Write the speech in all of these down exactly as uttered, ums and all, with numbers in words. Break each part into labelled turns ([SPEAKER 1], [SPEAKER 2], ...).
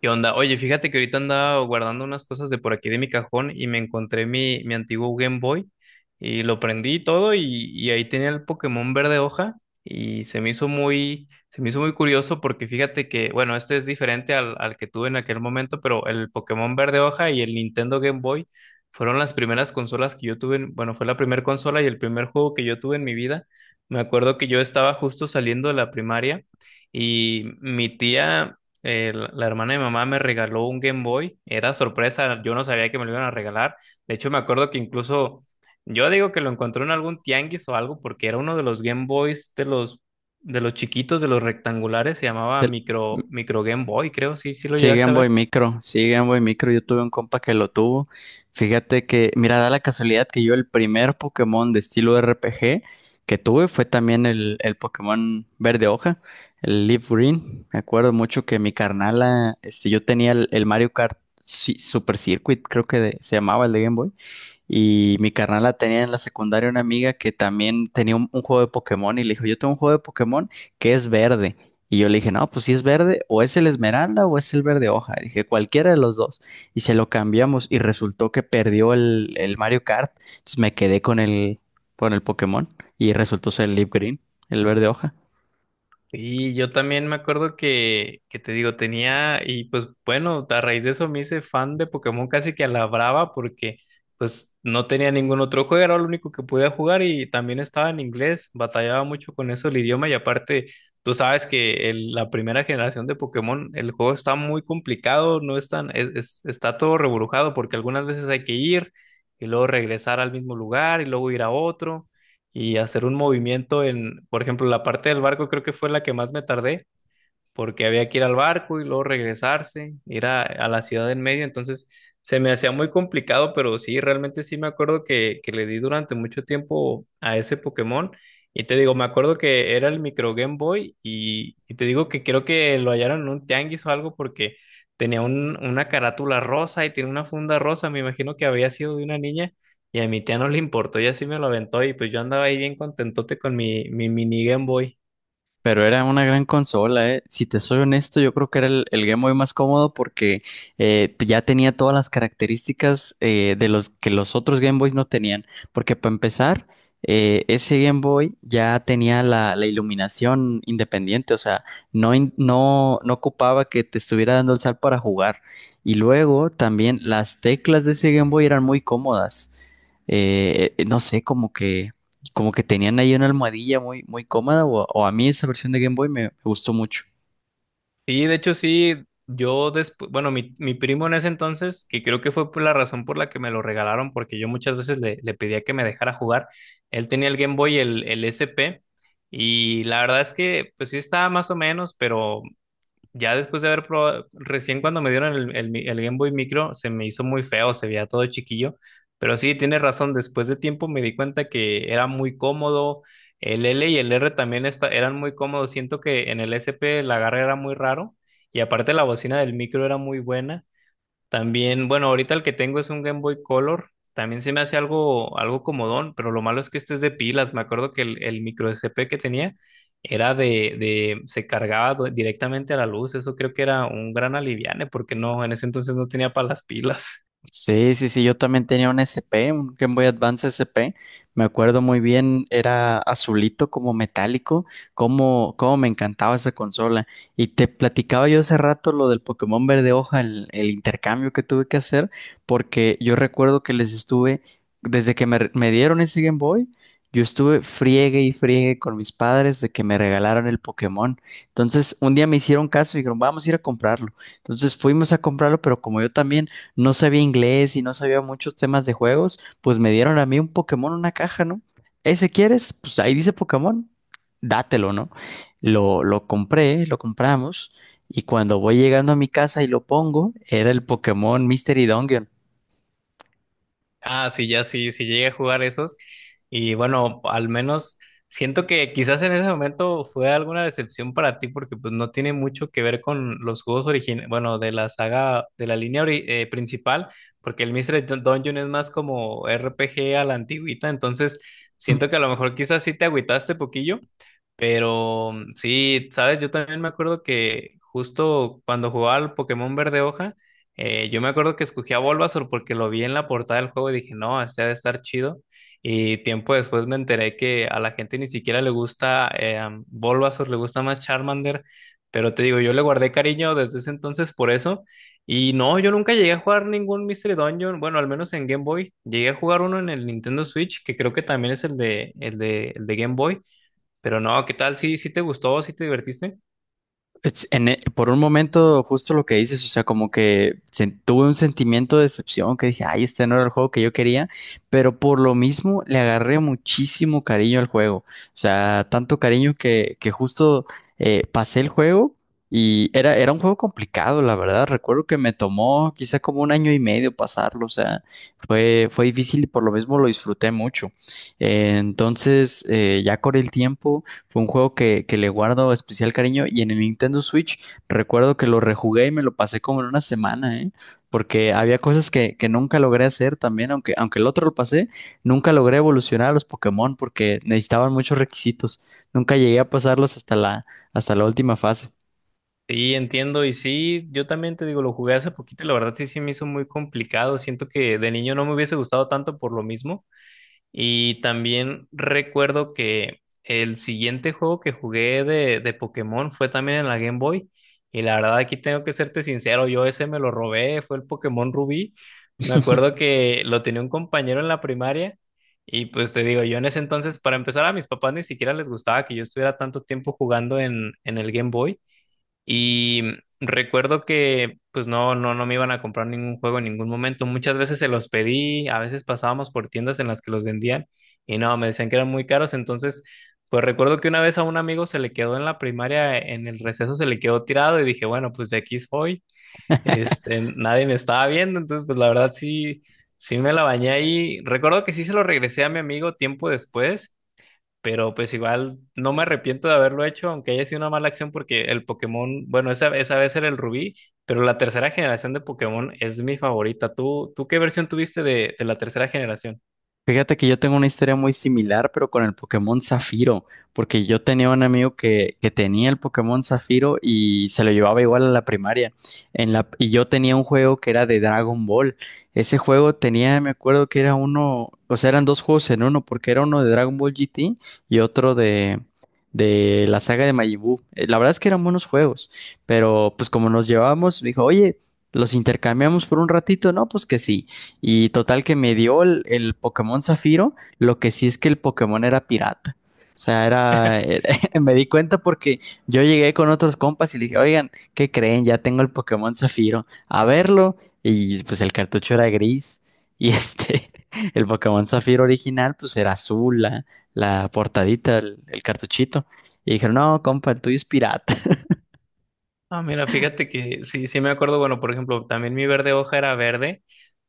[SPEAKER 1] ¿Qué onda? Oye, fíjate que ahorita andaba guardando unas cosas de por aquí de mi cajón y me encontré mi, mi antiguo Game Boy y lo prendí y todo y, y ahí tenía el Pokémon verde hoja y se me hizo muy, se me hizo muy curioso porque fíjate que, bueno, este es diferente al, al que tuve en aquel momento, pero el Pokémon verde hoja y el Nintendo Game Boy fueron las primeras consolas que yo tuve, en- bueno, fue la primera consola y el primer juego que yo tuve en mi vida. Me acuerdo que yo estaba justo saliendo de la primaria. Y mi tía eh, la, la hermana de mi mamá me regaló un Game Boy. Era sorpresa, yo no sabía que me lo iban a regalar. De hecho, me acuerdo que incluso yo digo que lo encontré en algún tianguis o algo, porque era uno de los Game Boys de los, de los chiquitos, de los rectangulares, se llamaba
[SPEAKER 2] El-
[SPEAKER 1] micro, micro Game Boy, creo, sí, sí lo
[SPEAKER 2] Sí,
[SPEAKER 1] llegaste
[SPEAKER 2] Game
[SPEAKER 1] a
[SPEAKER 2] Boy
[SPEAKER 1] ver.
[SPEAKER 2] Micro, sí, Game Boy Micro, yo tuve un compa que lo tuvo. Fíjate que, mira, da la casualidad que yo el primer Pokémon de estilo R P G que tuve fue también el, el Pokémon verde hoja, el Leaf Green. Me acuerdo mucho que mi carnala, este, yo tenía el, el Mario Kart Ci- Super Circuit, creo que de- se llamaba el de Game Boy. Y mi carnal la tenía en la secundaria una amiga que también tenía un, un juego de Pokémon y le dijo, yo tengo un juego de Pokémon que es verde. Y yo le dije, no, pues si es verde, o es el esmeralda o es el verde hoja. Y dije, cualquiera de los dos. Y se lo cambiamos y resultó que perdió el, el Mario Kart. Entonces me quedé con el, con el Pokémon y resultó ser el Leaf Green, el verde hoja.
[SPEAKER 1] Y yo también me acuerdo que, que te digo, tenía, y pues bueno, a raíz de eso me hice fan de Pokémon casi que a la brava porque pues no tenía ningún otro juego, era lo único que podía jugar y también estaba en inglés, batallaba mucho con eso el idioma y aparte tú sabes que el- la primera generación de Pokémon, el juego está muy complicado, no es tan, es- es- está todo reburujado porque algunas veces hay que ir y luego regresar al mismo lugar y luego ir a otro y hacer un movimiento en, por ejemplo, la parte del barco creo que fue la que más me tardé porque había que ir al barco y luego regresarse, ir a, a la ciudad en medio, entonces se me hacía muy complicado, pero sí, realmente sí me acuerdo que, que le di durante mucho tiempo a ese Pokémon. Y te digo, me acuerdo que era el micro Game Boy y, y te digo que creo que lo hallaron en un tianguis o algo porque tenía un- una carátula rosa y tiene una funda rosa, me imagino que había sido de una niña y a mi tía no le importó y así me lo aventó y pues yo andaba ahí bien contentote con mi, mi mini Game Boy.
[SPEAKER 2] Pero era una gran consola, ¿eh? Si te soy honesto, yo creo que era el, el Game Boy más cómodo porque eh, te- ya tenía todas las características eh, de los que los otros Game Boys no tenían. Porque para empezar, eh, ese Game Boy ya tenía la, la iluminación independiente, o sea, no, in- no, no ocupaba que te estuviera dando el sal para jugar. Y luego también las teclas de ese Game Boy eran muy cómodas. Eh, eh, no sé, como que como que tenían ahí una almohadilla muy, muy cómoda, o, o a mí esa versión de Game Boy me, me gustó mucho.
[SPEAKER 1] Sí, de hecho sí, yo después, bueno, mi, mi primo en ese entonces, que creo que fue por la razón por la que me lo regalaron, porque yo muchas veces le, le pedía que me dejara jugar, él tenía el Game Boy, el, el S P, y la verdad es que pues sí estaba más o menos, pero ya después de haber probado, recién cuando me dieron el, el mi- el Game Boy Micro, se me hizo muy feo, se veía todo chiquillo. Pero sí, tiene razón, después de tiempo me di cuenta que era muy cómodo. El L y el R también esta- eran muy cómodos. Siento que en el S P el agarre era muy raro. Y aparte la bocina del micro era muy buena. También, bueno, ahorita el que tengo es un Game Boy Color. También se me hace algo, algo comodón, pero lo malo es que este es de pilas. Me acuerdo que el, el micro S P que tenía era de, de, se cargaba do- directamente a la luz. Eso creo que era un gran aliviane, porque no, en ese entonces no tenía para las pilas.
[SPEAKER 2] Sí, sí, sí, yo también tenía un S P, un Game Boy Advance S P, me acuerdo muy bien, era azulito como metálico, como, como me encantaba esa consola. Y te platicaba yo hace rato lo del Pokémon Verde Hoja, el, el intercambio que tuve que hacer, porque yo recuerdo que les estuve, desde que me, me dieron ese Game Boy, yo estuve friegue y friegue con mis padres de que me regalaron el Pokémon. Entonces, un día me hicieron caso y dijeron, vamos a ir a comprarlo. Entonces fuimos a comprarlo, pero como yo también no sabía inglés y no sabía muchos temas de juegos, pues me dieron a mí un Pokémon una caja, ¿no? ¿Ese quieres? Pues ahí dice Pokémon, dátelo, ¿no? Lo, lo compré, lo compramos, y cuando voy llegando a mi casa y lo pongo, era el Pokémon Mystery Dungeon.
[SPEAKER 1] Ah, sí, ya sí, sí llegué a jugar esos. Y bueno, al menos siento que quizás en ese momento fue alguna decepción para ti porque pues no tiene mucho que ver con los juegos originales, bueno, de la saga, de la línea ori- eh, principal, porque el Mystery Dun- Dungeon es más como R P G a la antigüita, entonces siento que a lo mejor quizás sí te agüitaste poquillo, pero mm, sí, sabes, yo también me acuerdo que justo cuando jugaba al Pokémon Verde Hoja, eh, yo me acuerdo que escogí a Bulbasaur porque lo vi en la portada del juego y dije, no, este ha de estar chido. Y tiempo después me enteré que a la gente ni siquiera le gusta eh, am, Bulbasaur, le gusta más Charmander. Pero te digo, yo le guardé cariño desde ese entonces por eso. Y no, yo nunca llegué a jugar ningún Mystery Dungeon, bueno, al menos en Game Boy. Llegué a jugar uno en el Nintendo Switch, que creo que también es el de, el de, el de Game Boy. Pero no, ¿qué tal? ¿Sí, sí te gustó? ¿Sí te divertiste?
[SPEAKER 2] Es- en e- por un momento, justo lo que dices, o sea, como que sen- tuve un sentimiento de decepción, que dije, ay, este no era el juego que yo quería, pero por lo mismo le agarré muchísimo cariño al juego, o sea, tanto cariño que, que justo eh, pasé el juego y era, era un juego complicado, la verdad, recuerdo que me tomó quizá como un año y medio pasarlo, o sea, fue, fue difícil y por lo mismo lo disfruté mucho. Eh, entonces, eh, ya con el tiempo... Fue un juego que, que le guardo especial cariño y en el Nintendo Switch recuerdo que lo rejugué y me lo pasé como en una semana, ¿eh? Porque había cosas que, que nunca logré hacer también, aunque, aunque el otro lo pasé, nunca logré evolucionar a los Pokémon porque necesitaban muchos requisitos. Nunca llegué a pasarlos hasta la, hasta la última fase.
[SPEAKER 1] Sí, entiendo. Y sí, yo también te digo, lo jugué hace poquito y la verdad sí, sí me hizo muy complicado. Siento que de niño no me hubiese gustado tanto por lo mismo. Y también recuerdo que el siguiente juego que jugué de, de Pokémon fue también en la Game Boy. Y la verdad aquí tengo que serte sincero, yo ese me lo robé, fue el Pokémon Rubí. Me acuerdo que lo tenía un compañero en la primaria. Y pues te digo, yo en ese entonces, para empezar, a mis papás ni siquiera les gustaba que yo estuviera tanto tiempo jugando en, en el Game Boy. Y recuerdo que pues no, no, no me iban a comprar ningún juego en ningún momento. Muchas veces se los pedí, a veces pasábamos por tiendas en las que los vendían y no, me decían que eran muy caros. Entonces, pues recuerdo que una vez a un amigo se le quedó en la primaria, en el receso se le quedó tirado y dije, bueno, pues de aquí soy. Este, nadie me estaba viendo, entonces pues la verdad sí, sí me la bañé ahí. Recuerdo que sí se lo regresé a mi amigo tiempo después. Pero pues igual no me arrepiento de haberlo hecho, aunque haya sido una mala acción, porque el Pokémon, bueno, esa, esa vez era el Rubí, pero la tercera generación de Pokémon es mi favorita. ¿Tú, tú qué versión tuviste de, de la tercera generación?
[SPEAKER 2] Fíjate que yo tengo una historia muy similar, pero con el Pokémon Zafiro, porque yo tenía un amigo que, que tenía el Pokémon Zafiro y se lo llevaba igual a la primaria. En la, y yo tenía un juego que era de Dragon Ball. Ese juego tenía, me acuerdo que era uno, o sea, eran dos juegos en uno, porque era uno de Dragon Ball G T y otro de, de la saga de Majin Buu. Eh, La verdad es que eran buenos juegos, pero pues como nos llevábamos, dijo, oye, los intercambiamos por un ratito, no, pues que sí. Y total que me dio el, el Pokémon Zafiro, lo que sí es que el Pokémon era pirata. O sea, era, era- me di cuenta porque yo llegué con otros compas y le dije, oigan, ¿qué creen? Ya tengo el Pokémon Zafiro, a verlo. Y pues el cartucho era gris y este, el Pokémon Zafiro original pues era azul, la, la portadita, el, el cartuchito. Y dijeron, no, compa, el tuyo es pirata.
[SPEAKER 1] Ah, mira, fíjate que sí, sí me acuerdo, bueno, por ejemplo, también mi verde hoja era verde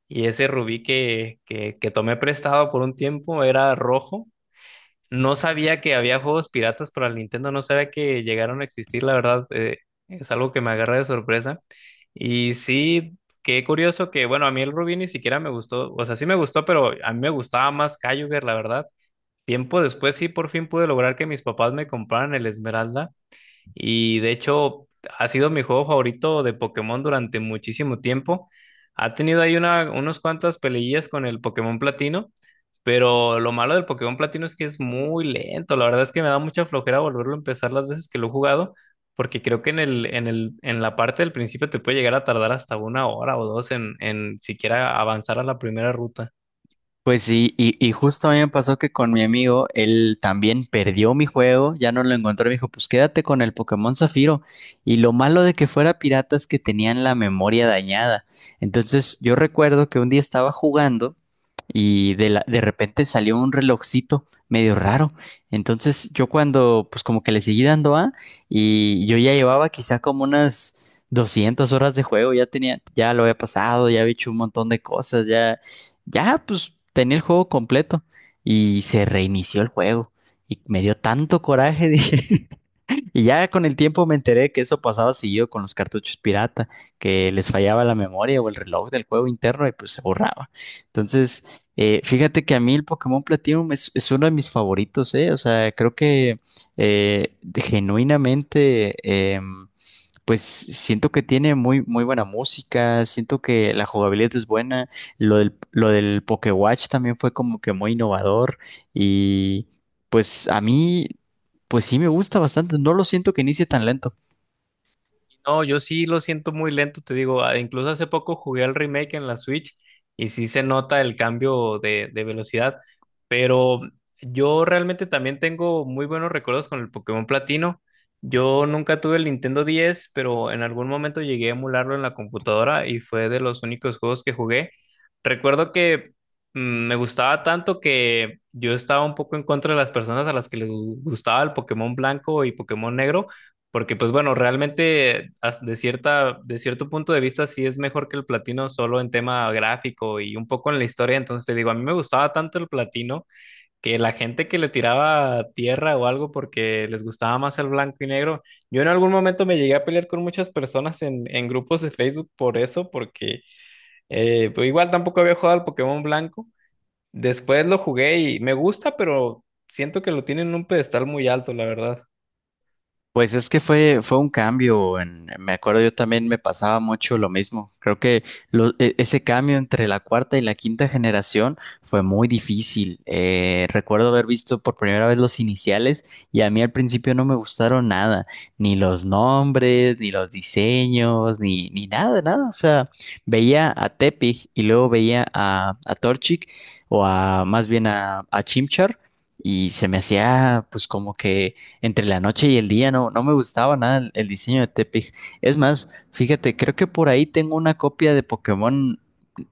[SPEAKER 1] y ese Rubí que, que, que tomé prestado por un tiempo era rojo. No sabía que había juegos piratas para el Nintendo, no sabía que llegaron a existir, la verdad, eh, es algo que me agarra de sorpresa. Y sí, qué curioso que, bueno, a mí el Rubí ni siquiera me gustó, o sea, sí me gustó, pero a mí me gustaba más Kyogre, la verdad. Tiempo después sí por fin pude lograr que mis papás me compraran el Esmeralda. Y de hecho, ha sido mi juego favorito de Pokémon durante muchísimo tiempo. Ha tenido ahí una, unos cuantas peleillas con el Pokémon Platino, pero lo malo del Pokémon Platino es que es muy lento. La verdad es que me da mucha flojera volverlo a empezar las veces que lo he jugado, porque creo que en el, en el, en la parte del principio te puede llegar a tardar hasta una hora o dos en, en siquiera avanzar a la primera ruta.
[SPEAKER 2] Pues sí, y, y justo a mí me pasó que con mi amigo, él también perdió mi juego, ya no lo encontró, y me dijo, pues quédate con el Pokémon Zafiro. Y lo malo de que fuera pirata es que tenían la memoria dañada. Entonces yo recuerdo que un día estaba jugando y de, la- de repente salió un relojcito medio raro. Entonces yo cuando, pues como que le seguí dando A y yo ya llevaba quizá como unas... doscientas horas de juego, ya tenía, ya lo había pasado, ya había hecho un montón de cosas, ya, ya, pues tenía el juego completo y se reinició el juego. Y me dio tanto coraje, dije. Y ya con el tiempo me enteré que eso pasaba seguido con los cartuchos pirata, que les fallaba la memoria o el reloj del juego interno y pues se borraba. Entonces, eh, fíjate que a mí el Pokémon Platinum es, es uno de mis favoritos, ¿eh? O sea, creo que eh, de- genuinamente... em, pues siento que tiene muy, muy buena música, siento que la jugabilidad es buena, lo del, lo del Pokéwatch también fue como que muy innovador y pues a mí, pues sí me gusta bastante, no lo siento que inicie tan lento.
[SPEAKER 1] No, yo sí lo siento muy lento, te digo, ah, incluso hace poco jugué al remake en la Switch y sí se nota el cambio de, de velocidad, pero yo realmente también tengo muy buenos recuerdos con el Pokémon Platino. Yo nunca tuve el Nintendo diez, pero en algún momento llegué a emularlo en la computadora y fue de los únicos juegos que jugué. Recuerdo que mm, me gustaba tanto que yo estaba un poco en contra de las personas a las que les gu- gustaba el Pokémon blanco y Pokémon negro porque, pues bueno, realmente as- de cierta, de cierto punto de vista sí es mejor que el platino solo en tema gráfico y un poco en la historia. Entonces te digo, a mí me gustaba tanto el platino que la gente que le tiraba tierra o algo porque les gustaba más el blanco y negro. Yo en algún momento me llegué a pelear con muchas personas en, en grupos de Facebook por eso, porque eh, pues igual tampoco había jugado al Pokémon blanco. Después lo jugué y me gusta, pero siento que lo tienen en un pedestal muy alto, la verdad.
[SPEAKER 2] Pues es que fue, fue un cambio. En- me acuerdo yo también me pasaba mucho lo mismo. Creo que lo- e- ese cambio entre la cuarta y la quinta generación fue muy difícil. Eh, recuerdo haber visto por primera vez los iniciales y a mí al principio no me gustaron nada, ni los nombres, ni los diseños, ni, ni nada, nada. O sea, veía a Tepig y luego veía a, a Torchic o a más bien a, a Chimchar y se me hacía pues como que entre la noche y el día, no, no me gustaba nada el, el diseño de Tepig. Es más, fíjate, creo que por ahí tengo una copia de Pokémon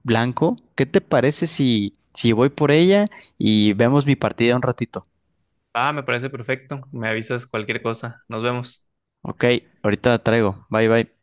[SPEAKER 2] blanco. ¿Qué te parece si, si voy por ella y vemos mi partida un ratito?
[SPEAKER 1] Ah, me parece perfecto. Me avisas cualquier cosa. Nos vemos.
[SPEAKER 2] Ok, ahorita la traigo. Bye bye.